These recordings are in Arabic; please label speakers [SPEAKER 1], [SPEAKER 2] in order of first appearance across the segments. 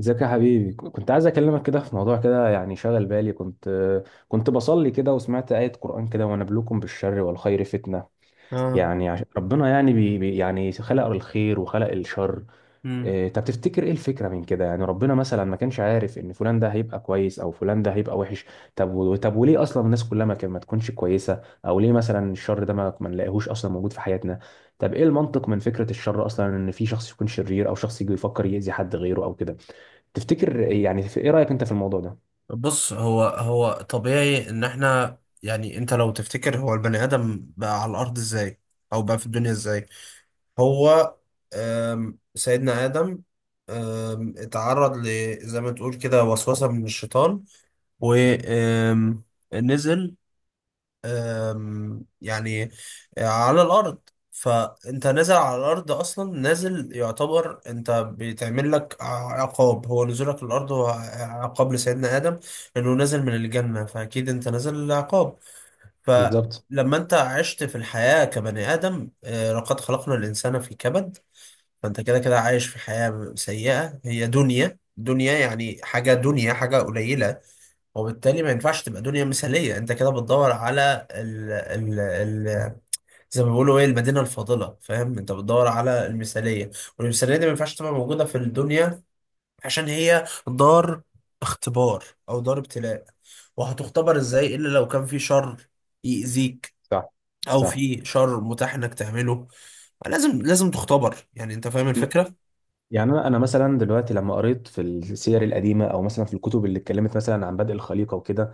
[SPEAKER 1] ازيك يا حبيبي، كنت عايز اكلمك كده في موضوع كده، يعني شغل بالي. كنت بصلي كده، وسمعت آية قرآن كده: ونبلوكم بالشر والخير فتنة.
[SPEAKER 2] اه.
[SPEAKER 1] يعني ربنا يعني يعني خلق الخير وخلق الشر.
[SPEAKER 2] مم.
[SPEAKER 1] إيه، طب تفتكر ايه الفكرة من كده؟ يعني ربنا مثلا ما كانش عارف ان فلان ده هيبقى كويس او فلان ده هيبقى وحش؟ طب طب وليه اصلا الناس كلها ما تكونش كويسة؟ او ليه مثلا الشر ده ما نلاقيهوش اصلا موجود في حياتنا؟ طب ايه المنطق من فكرة الشر اصلا، ان في شخص يكون شرير او شخص يجي يفكر يأذي حد غيره او كده؟ تفتكر يعني ايه رأيك انت في الموضوع ده؟
[SPEAKER 2] بص، هو طبيعي ان احنا، يعني انت لو تفتكر، هو البني ادم بقى على الارض ازاي؟ او بقى في الدنيا ازاي؟ هو سيدنا ادم اتعرض ل، زي ما تقول كده، وسوسة من الشيطان، ونزل يعني على الارض. فانت نازل على الارض اصلا، نازل يعتبر انت بيتعمل لك عقاب، هو نزولك الارض هو عقاب لسيدنا ادم، انه نازل من الجنه، فاكيد انت نازل عقاب.
[SPEAKER 1] بالظبط.
[SPEAKER 2] فلما انت عشت في الحياه كبني ادم، لقد خلقنا الانسان في كبد. فانت كده كده عايش في حياه سيئه، هي دنيا دنيا، يعني حاجه دنيا، حاجه قليله، وبالتالي ما ينفعش تبقى دنيا مثالية. انت كده بتدور على ال ال ال زي ما بيقولوا، ايه، المدينة الفاضلة. فاهم؟ انت بتدور على المثالية، والمثالية دي ما ينفعش تبقى موجودة في الدنيا، عشان هي دار اختبار، او دار ابتلاء. وهتختبر ازاي الا لو كان في شر يأذيك،
[SPEAKER 1] صح.
[SPEAKER 2] او
[SPEAKER 1] صح.
[SPEAKER 2] في شر متاح انك تعمله؟ لازم لازم تختبر. يعني انت فاهم الفكرة.
[SPEAKER 1] يعني انا مثلا دلوقتي، لما قريت في السير القديمه او مثلا في الكتب اللي اتكلمت مثلا عن بدء الخليقه وكده،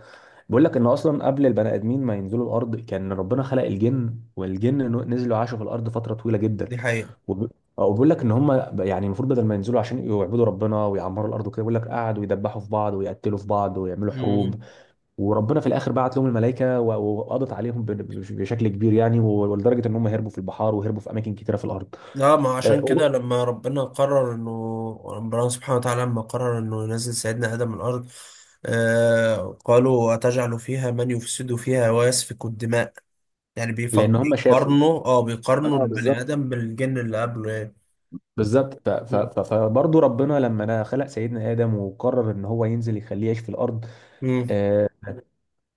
[SPEAKER 1] بيقول لك ان اصلا قبل البني ادمين ما ينزلوا الارض كان ربنا خلق الجن، والجن نزلوا عاشوا في الارض فتره طويله جدا.
[SPEAKER 2] دي حقيقة.
[SPEAKER 1] وب- وبيقول لك ان هم يعني المفروض بدل ما ينزلوا عشان يعبدوا ربنا ويعمروا الارض وكده، بيقول لك قعدوا يدبحوا في بعض ويقتلوا في بعض ويعملوا حروب.
[SPEAKER 2] مم.
[SPEAKER 1] وربنا في الاخر بعت لهم الملائكه و- و- وقضت عليهم بشكل كبير يعني، ولدرجه ان هم هربوا في البحار وهربوا في اماكن كتيره في الارض.
[SPEAKER 2] لا، ما عشان
[SPEAKER 1] آه.
[SPEAKER 2] كده لما ربنا قرر انه ربنا سبحانه وتعالى لما قرر انه ينزل سيدنا ادم الارض، قالوا اتجعل فيها من يفسد فيها ويسفك الدماء. يعني
[SPEAKER 1] لان هم شافوا.
[SPEAKER 2] بيقارنوا،
[SPEAKER 1] اه،
[SPEAKER 2] البني
[SPEAKER 1] بالظبط.
[SPEAKER 2] ادم بالجن اللي قبله، يعني.
[SPEAKER 1] بالظبط.
[SPEAKER 2] مم.
[SPEAKER 1] فبرضه ربنا لما أنا خلق سيدنا ادم وقرر ان هو ينزل يخليه يعيش في الارض.
[SPEAKER 2] مم.
[SPEAKER 1] آه،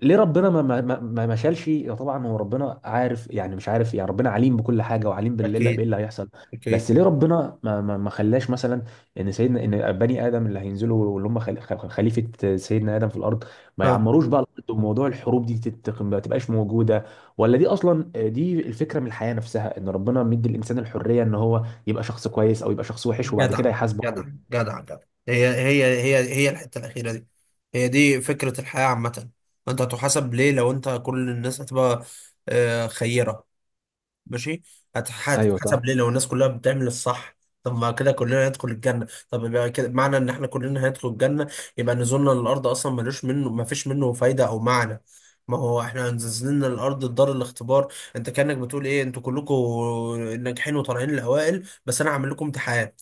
[SPEAKER 1] ليه ربنا ما شالش؟ يا طبعا هو ربنا عارف، يعني مش عارف، يعني ربنا عليم بكل حاجه وعليم باللي
[SPEAKER 2] اكيد.
[SPEAKER 1] بايه اللي هيحصل. بس
[SPEAKER 2] اكيد.
[SPEAKER 1] ليه ربنا ما خلاش مثلا، ان بني ادم اللي هينزلوا، اللي هم خليفه سيدنا ادم في الارض، ما
[SPEAKER 2] ها.
[SPEAKER 1] يعمروش بقى الارض وموضوع الحروب دي ما تبقاش موجوده؟ ولا دي اصلا، دي الفكره من الحياه نفسها، ان ربنا مدي الانسان الحريه ان هو يبقى شخص كويس او يبقى شخص وحش وبعد
[SPEAKER 2] جدع.
[SPEAKER 1] كده يحاسبه
[SPEAKER 2] جدع.
[SPEAKER 1] عليها؟
[SPEAKER 2] جدع. جدع. هي الحته الاخيره دي، هي دي فكره الحياه عامه. انت هتحاسب ليه لو انت، كل الناس هتبقى خيره؟ ماشي.
[SPEAKER 1] ايوه، صح.
[SPEAKER 2] هتتحسب ليه لو الناس كلها بتعمل الصح؟ طب ما كده كلنا هندخل الجنة، طب يبقى كده معنى ان احنا كلنا هندخل الجنة، يبقى نزولنا للأرض أصلا ملوش منه ما فيش منه فايدة أو معنى. ما هو احنا نزلنا للأرض دار الاختبار، انت كأنك بتقول ايه، انتوا كلكم ناجحين وطالعين الأوائل، بس انا هعمل لكم امتحان.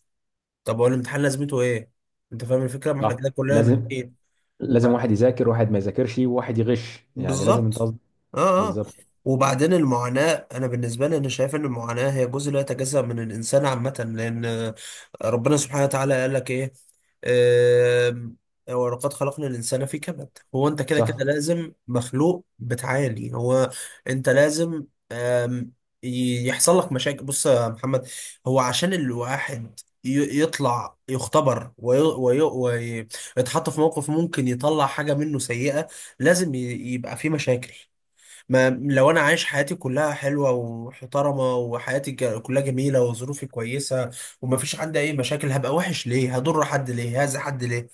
[SPEAKER 2] طب هو الامتحان لازمته ايه؟ انت فاهم الفكرة، ما احنا
[SPEAKER 1] صح.
[SPEAKER 2] كده كلنا
[SPEAKER 1] لازم
[SPEAKER 2] ناجحين.
[SPEAKER 1] لازم واحد يذاكر واحد ما يذاكرش وواحد يغش يعني لازم انت
[SPEAKER 2] بالظبط. اه. اه.
[SPEAKER 1] بالظبط
[SPEAKER 2] وبعدين المعاناة، أنا بالنسبة لي أنا شايف إن المعاناة هي جزء لا يتجزأ من الإنسان عامة، لأن ربنا سبحانه وتعالى قال لك إيه، آم، ولقد خلقنا الإنسان في كبد. هو أنت كده
[SPEAKER 1] صح
[SPEAKER 2] كده لازم مخلوق بتعاني. هو أنت لازم، آم، يحصل لك مشاكل. بص يا محمد، هو عشان الواحد يطلع يختبر، ويتحط في موقف ممكن يطلع حاجة منه سيئة، لازم يبقى في مشاكل. ما لو انا عايش حياتي كلها حلوه ومحترمه، وحياتي كلها جميله، وظروفي كويسه، ومفيش عندي اي مشاكل، هبقى وحش ليه؟ هضر حد ليه؟ هاذي حد ليه؟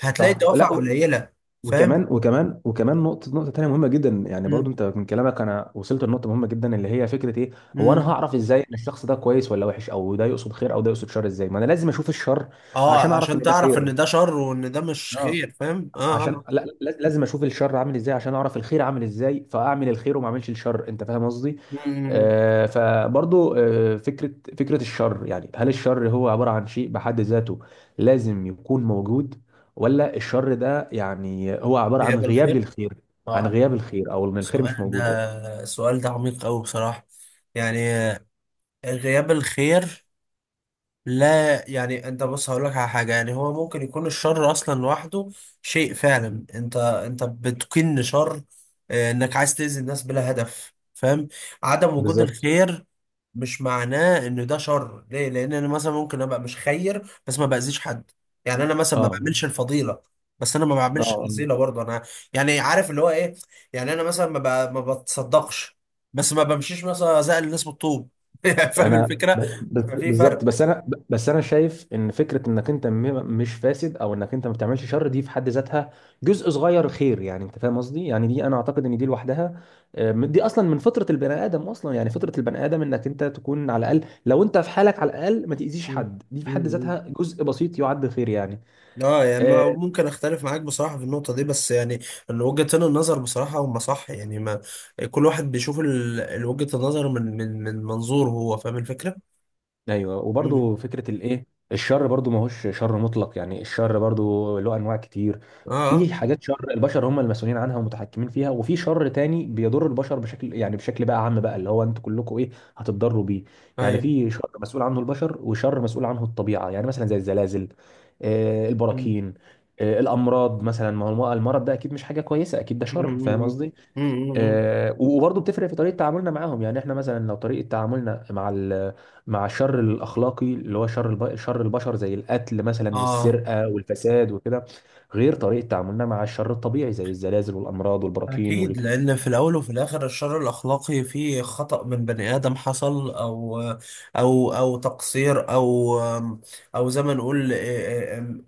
[SPEAKER 2] هتلاقي
[SPEAKER 1] صح
[SPEAKER 2] الدوافع
[SPEAKER 1] لا.
[SPEAKER 2] قليله. فاهم.
[SPEAKER 1] وكمان نقطة تانية مهمة جدا يعني،
[SPEAKER 2] مم.
[SPEAKER 1] برضو انت من كلامك انا وصلت لنقطة مهمة جدا، اللي هي فكرة ايه؟ هو انا
[SPEAKER 2] مم.
[SPEAKER 1] هعرف ازاي ان الشخص ده كويس ولا وحش؟ او ده يقصد خير او ده يقصد شر؟ ازاي؟ ما انا لازم اشوف الشر عشان
[SPEAKER 2] اه،
[SPEAKER 1] اعرف ان
[SPEAKER 2] عشان
[SPEAKER 1] ده
[SPEAKER 2] تعرف
[SPEAKER 1] خير.
[SPEAKER 2] ان ده شر وان ده مش
[SPEAKER 1] اه،
[SPEAKER 2] خير. فاهم. اه.
[SPEAKER 1] عشان
[SPEAKER 2] اه.
[SPEAKER 1] لازم اشوف الشر عامل ازاي عشان اعرف الخير عامل ازاي، فاعمل الخير وما اعملش الشر. انت فاهم قصدي؟
[SPEAKER 2] مم.
[SPEAKER 1] فبرضو، فكره الشر، يعني هل الشر هو عباره عن شيء بحد ذاته لازم يكون موجود؟ ولا الشر ده يعني هو عباره
[SPEAKER 2] بيقبل الخير.
[SPEAKER 1] عن
[SPEAKER 2] اه.
[SPEAKER 1] غياب الخير، او ان الخير مش
[SPEAKER 2] السؤال ده
[SPEAKER 1] موجود يعني.
[SPEAKER 2] السؤال ده عميق قوي بصراحه، يعني. غياب الخير؟ لا، يعني انت بص هقول لك على حاجه، يعني هو ممكن يكون الشر اصلا لوحده شيء فعلا، انت بتكن شر، انك عايز تاذي الناس بلا هدف. فاهم. عدم وجود
[SPEAKER 1] بالظبط.
[SPEAKER 2] الخير مش معناه ان ده شر، ليه؟ لان انا مثلا ممكن ابقى مش خير، بس ما باذيش حد. يعني انا مثلا ما
[SPEAKER 1] اه.
[SPEAKER 2] بعملش الفضيله، بس انا ما بعملش
[SPEAKER 1] اه.
[SPEAKER 2] رذيله برضه انا. يعني عارف اللي هو ايه، يعني انا مثلا ما بتصدقش، بس ما بمشيش مثلا ازعل الناس بالطوب. فاهم
[SPEAKER 1] انا
[SPEAKER 2] الفكره. ففي فرق.
[SPEAKER 1] بالظبط، بس انا شايف ان فكره انك انت مش فاسد او انك انت ما بتعملش شر، دي في حد ذاتها جزء صغير خير يعني، انت فاهم قصدي؟ يعني دي انا اعتقد ان دي لوحدها، دي اصلا من فطره البني ادم اصلا، يعني فطره البني ادم انك انت تكون على الاقل، لو انت في حالك على الاقل ما تاذيش
[SPEAKER 2] مم.
[SPEAKER 1] حد، دي في حد
[SPEAKER 2] مم.
[SPEAKER 1] ذاتها جزء بسيط يعد خير يعني.
[SPEAKER 2] اه، يعني
[SPEAKER 1] آه،
[SPEAKER 2] ممكن اختلف معاك بصراحة في النقطة دي، بس يعني ان وجهتين النظر بصراحة هما صح، يعني ما كل واحد بيشوف وجهة النظر من منظوره هو. فاهم الفكرة؟
[SPEAKER 1] ايوه،
[SPEAKER 2] مم.
[SPEAKER 1] وبرضو فكره الايه، الشر برضو ما هوش شر مطلق، يعني الشر برضو له انواع كتير.
[SPEAKER 2] اه. اه.
[SPEAKER 1] في حاجات شر البشر هم المسؤولين عنها ومتحكمين فيها، وفي شر تاني بيضر البشر بشكل، يعني بشكل بقى عام بقى، اللي هو انتوا كلكم ايه، هتتضروا بيه. يعني
[SPEAKER 2] ايوه.
[SPEAKER 1] في شر مسؤول عنه البشر وشر مسؤول عنه الطبيعه، يعني مثلا زي الزلازل،
[SPEAKER 2] مم.
[SPEAKER 1] البراكين، الامراض مثلا، ما هو المرض ده اكيد مش حاجه كويسه، اكيد ده
[SPEAKER 2] مم.
[SPEAKER 1] شر، فاهم
[SPEAKER 2] مم.
[SPEAKER 1] قصدي؟
[SPEAKER 2] مم. مم.
[SPEAKER 1] وبرضه بتفرق في طريقه تعاملنا معاهم، يعني احنا مثلا لو طريقه تعاملنا مع الشر الاخلاقي، اللي هو شر البشر، زي القتل مثلا
[SPEAKER 2] اه.
[SPEAKER 1] والسرقه والفساد وكده، غير طريقه تعاملنا مع الشر الطبيعي زي الزلازل والامراض والبراكين.
[SPEAKER 2] أكيد، لأن في الأول وفي الآخر الشر الأخلاقي فيه خطأ من بني آدم حصل، أو تقصير، أو زي ما نقول،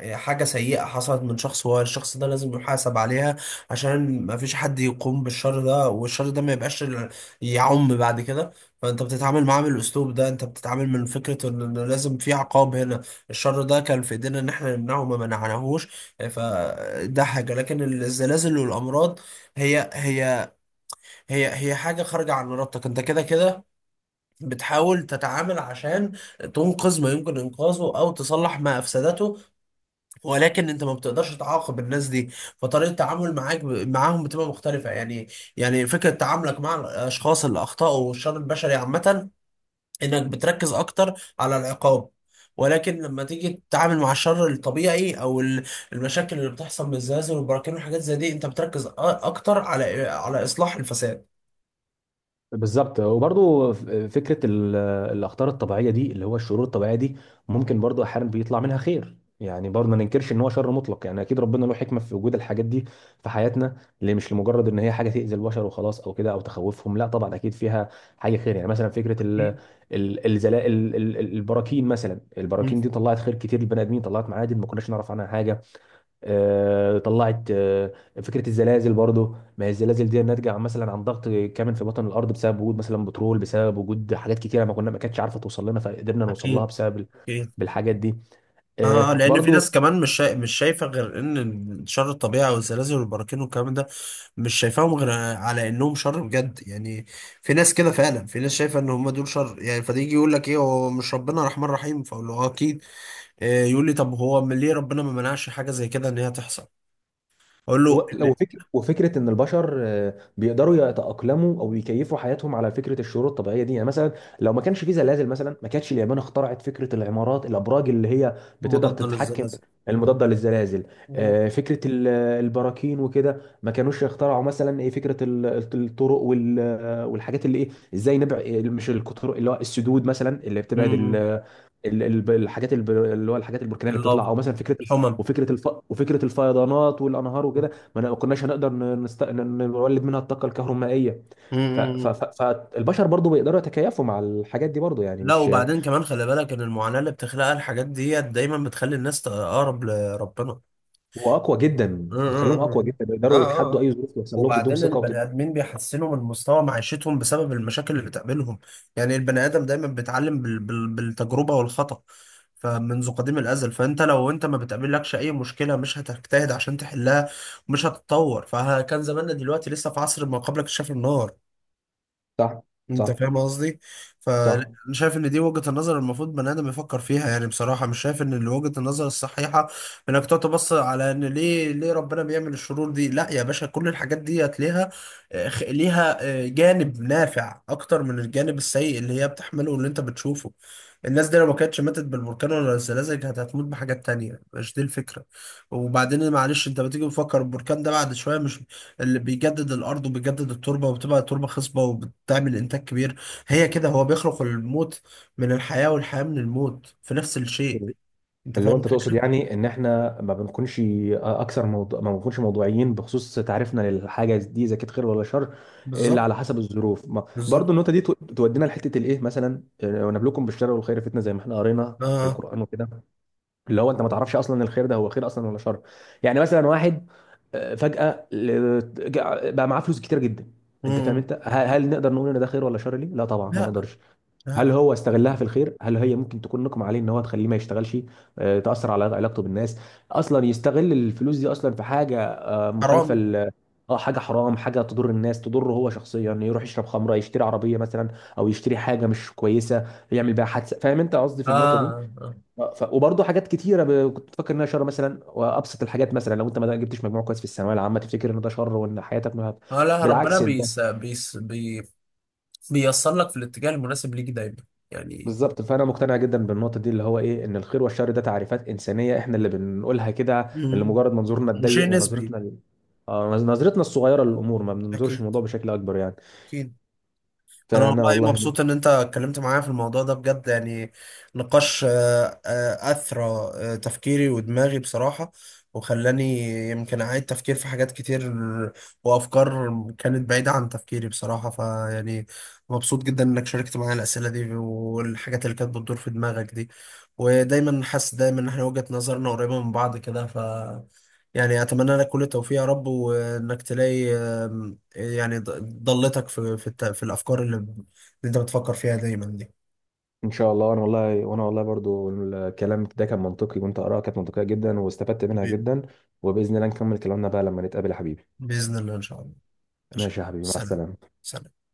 [SPEAKER 2] حاجة سيئة حصلت من شخص، والشخص ده لازم يحاسب عليها، عشان ما فيش حد يقوم بالشر ده، والشر ده ما يبقاش يعم بعد كده. فأنت بتتعامل معاه بالأسلوب ده، أنت بتتعامل من فكرة إن لازم في عقاب هنا. الشر ده كان في إيدينا إن إحنا نمنعه، ما منعناهوش، فده حاجة. لكن الزلازل والأمراض، هي هي هي حاجة خارجة عن إرادتك، أنت كده كده بتحاول تتعامل عشان تنقذ ما يمكن إنقاذه، أو تصلح ما أفسدته، ولكن أنت ما بتقدرش تعاقب الناس دي. فطريقة التعامل معاك معاهم بتبقى مختلفة، يعني. يعني فكرة تعاملك مع الأشخاص اللي أخطأوا والشر البشري عامة، إنك بتركز أكتر على العقاب. ولكن لما تيجي تتعامل مع الشر الطبيعي، او المشاكل اللي بتحصل من الزلازل والبراكين والحاجات زي دي، انت بتركز اكتر على اصلاح الفساد.
[SPEAKER 1] بالظبط، وبرضو فكره الاخطار الطبيعيه دي، اللي هو الشرور الطبيعيه دي ممكن برضو احيانا بيطلع منها خير، يعني برضو ما ننكرش ان هو شر مطلق يعني، اكيد ربنا له حكمه في وجود الحاجات دي في حياتنا، اللي مش لمجرد ان هي حاجه تاذي البشر وخلاص او كده او تخوفهم، لا طبعا اكيد فيها حاجه خير يعني، مثلا فكره البراكين، مثلا
[SPEAKER 2] مم.
[SPEAKER 1] البراكين دي طلعت خير كتير للبني ادمين، طلعت معادن ما كناش نعرف عنها حاجه. آه، طلعت آه، فكره الزلازل برضو، ما هي الزلازل دي ناتجه مثلا عن ضغط كامل في بطن الارض بسبب وجود مثلا بترول، بسبب وجود حاجات كتيره ما كانتش عارفه توصل لنا فقدرنا نوصل لها
[SPEAKER 2] أكيد.
[SPEAKER 1] بسبب
[SPEAKER 2] أكيد.
[SPEAKER 1] بالحاجات دي.
[SPEAKER 2] آه، لأن في
[SPEAKER 1] برضو
[SPEAKER 2] ناس كمان مش شايفة غير إن شر الطبيعة والزلازل والبراكين والكلام ده، مش شايفاهم غير على إنهم شر بجد، يعني. في ناس كده فعلا، في ناس شايفة إن هم دول شر، يعني فده يجي يقول لك إيه، هو مش ربنا رحمن رحيم؟ فأقول له آه أكيد. آه، يقول لي طب هو ليه ربنا ما منعش حاجة زي كده إن هي تحصل؟ أقول له إن،
[SPEAKER 1] لو فكرة وفكرة إن البشر بيقدروا يتأقلموا أو يكيفوا حياتهم على فكرة الشروط الطبيعية دي، يعني مثلا لو ما كانش في زلازل مثلا ما كانتش اليابان اخترعت فكرة العمارات الأبراج اللي هي بتقدر
[SPEAKER 2] مضاد
[SPEAKER 1] تتحكم،
[SPEAKER 2] للزلازل.
[SPEAKER 1] المضادة للزلازل.
[SPEAKER 2] مم.
[SPEAKER 1] فكرة البراكين وكده، ما كانوش يخترعوا مثلا إيه فكرة الطرق والحاجات اللي إيه، إزاي نبعد؟ مش الطرق، اللي هو السدود مثلا اللي بتبعد
[SPEAKER 2] مم.
[SPEAKER 1] الحاجات اللي هو الحاجات البركانيه اللي بتطلع،
[SPEAKER 2] اللافا،
[SPEAKER 1] او مثلا فكره
[SPEAKER 2] الحمم.
[SPEAKER 1] وفكره الفيضانات والانهار وكده، ما كناش هنقدر نولد منها الطاقه الكهرومائيه.
[SPEAKER 2] مم.
[SPEAKER 1] فالبشر برضو بيقدروا يتكيفوا مع الحاجات دي برضو، يعني
[SPEAKER 2] لا،
[SPEAKER 1] مش،
[SPEAKER 2] وبعدين كمان خلي بالك ان المعاناة اللي بتخلقها الحاجات ديت دايما بتخلي الناس تقرب لربنا.
[SPEAKER 1] واقوى جدا،
[SPEAKER 2] اه. اه.
[SPEAKER 1] بتخليهم اقوى جدا
[SPEAKER 2] اه.
[SPEAKER 1] بيقدروا
[SPEAKER 2] آه.
[SPEAKER 1] يتحدوا
[SPEAKER 2] آه.
[SPEAKER 1] اي ظروف يحصل لهم، تديهم
[SPEAKER 2] وبعدين
[SPEAKER 1] ثقه
[SPEAKER 2] البني
[SPEAKER 1] وتد...
[SPEAKER 2] ادمين بيحسنوا من مستوى معيشتهم بسبب المشاكل اللي بتقابلهم، يعني البني ادم دايما بيتعلم بالتجربة والخطأ. فمنذ قديم الازل، فانت لو انت ما بتقابلكش اي مشكلة، مش هتجتهد عشان تحلها، ومش هتتطور، فكان زماننا دلوقتي لسه في عصر ما قبل اكتشاف النار.
[SPEAKER 1] صح.
[SPEAKER 2] انت
[SPEAKER 1] صح.
[SPEAKER 2] فاهم قصدي. فانا
[SPEAKER 1] صح.
[SPEAKER 2] شايف ان دي وجهة النظر المفروض بني ادم يفكر فيها، يعني بصراحة مش شايف ان وجهة النظر الصحيحة انك تقعد تبص على ان ليه ربنا بيعمل الشرور دي. لا يا باشا، كل الحاجات دي هتلاقيها ليها جانب نافع اكتر من الجانب السيء اللي هي بتحمله، واللي انت بتشوفه. الناس دي لو ما كانتش ماتت بالبركان ولا الزلازل، كانت هتموت بحاجات تانية. مش دي الفكرة. وبعدين معلش، انت بتيجي تفكر البركان ده بعد شوية، مش اللي بيجدد الارض وبيجدد التربه، وبتبقى التربه خصبه وبتعمل انتاج كبير؟ هي كده، هو بيخلق الموت من الحياه، والحياه من الموت، في نفس الشيء. انت
[SPEAKER 1] اللي هو
[SPEAKER 2] فاهم
[SPEAKER 1] انت تقصد
[SPEAKER 2] الفكره.
[SPEAKER 1] يعني ان احنا ما بنكونش موضوعيين بخصوص تعريفنا للحاجه دي اذا كانت خير ولا شر الا
[SPEAKER 2] بالظبط.
[SPEAKER 1] على حسب الظروف ما... برضو
[SPEAKER 2] بالظبط.
[SPEAKER 1] النقطه دي تودينا لحته الايه مثلا، ونبلوكم بالشر والخير فتنه، زي ما احنا قرينا في
[SPEAKER 2] اه.
[SPEAKER 1] القران وكده. اللي هو انت ما تعرفش اصلا الخير ده هو خير اصلا ولا شر. يعني مثلا واحد فجأة بقى معاه فلوس كتير جدا، انت فاهم؟
[SPEAKER 2] مم.
[SPEAKER 1] انت هل نقدر نقول ان ده خير ولا شر؟ ليه؟ لا طبعا ما
[SPEAKER 2] لا.
[SPEAKER 1] نقدرش.
[SPEAKER 2] لا.
[SPEAKER 1] هل هو استغلها في الخير؟ هل هي ممكن تكون نقمة عليه ان هو تخليه ما يشتغلش، تأثر على علاقته بالناس؟ اصلا يستغل الفلوس دي اصلا في حاجة مخالفة،
[SPEAKER 2] حرام.
[SPEAKER 1] اه، حاجة حرام، حاجة تضر الناس، تضره هو شخصيا، يروح يشرب خمرة، يشتري عربية مثلا او يشتري حاجة مش كويسة يعمل بيها حادثة، فاهم انت قصدي في النقطة دي؟
[SPEAKER 2] اه. اه.
[SPEAKER 1] وبرضه حاجات كتيره كنت بفكر انها شر، مثلا وابسط الحاجات، مثلا لو انت ما جبتش مجموع كويس في الثانويه العامه تفتكر ان ده شر وان حياتك ما...
[SPEAKER 2] آه، لا ربنا
[SPEAKER 1] بالعكس، ده
[SPEAKER 2] بيس بيس بي بيوصل لك في الاتجاه المناسب ليك دايما، يعني.
[SPEAKER 1] بالظبط. فانا مقتنع جدا بالنقطه دي، اللي هو ايه، ان الخير والشر ده تعريفات انسانيه احنا اللي بنقولها كده، اللي
[SPEAKER 2] مم.
[SPEAKER 1] مجرد منظورنا
[SPEAKER 2] وشيء
[SPEAKER 1] الضيق
[SPEAKER 2] نسبي.
[SPEAKER 1] ونظرتنا نظرتنا الصغيره للامور، ما بننظرش
[SPEAKER 2] اكيد.
[SPEAKER 1] الموضوع بشكل اكبر يعني.
[SPEAKER 2] اكيد. انا
[SPEAKER 1] فانا
[SPEAKER 2] والله
[SPEAKER 1] والله،
[SPEAKER 2] مبسوط ان انت اتكلمت معايا في الموضوع ده بجد، يعني. نقاش، اثرى تفكيري ودماغي بصراحة، وخلاني يمكن اعيد تفكير في حاجات كتير، وافكار كانت بعيدة عن تفكيري بصراحة، فيعني. مبسوط جدا انك شاركت معايا الاسئلة دي والحاجات اللي كانت بتدور في دماغك دي، ودايما حاسس دايما ان احنا وجهة نظرنا قريبة من بعض كده، ف، يعني اتمنى لك كل التوفيق يا رب، وانك تلاقي يعني ضلتك في الافكار اللي انت بتفكر فيها دايما دي.
[SPEAKER 1] ان شاء الله، انا والله، وانا والله برضو الكلام ده كان منطقي، وانت اراءك كانت منطقيه جدا واستفدت منها
[SPEAKER 2] ب-
[SPEAKER 1] جدا، وباذن الله نكمل كلامنا بقى لما نتقابل يا حبيبي.
[SPEAKER 2] باذن الله. ان شاء الله. ماشي.
[SPEAKER 1] ماشي يا حبيبي، مع
[SPEAKER 2] سلام.
[SPEAKER 1] السلامة.
[SPEAKER 2] سلام.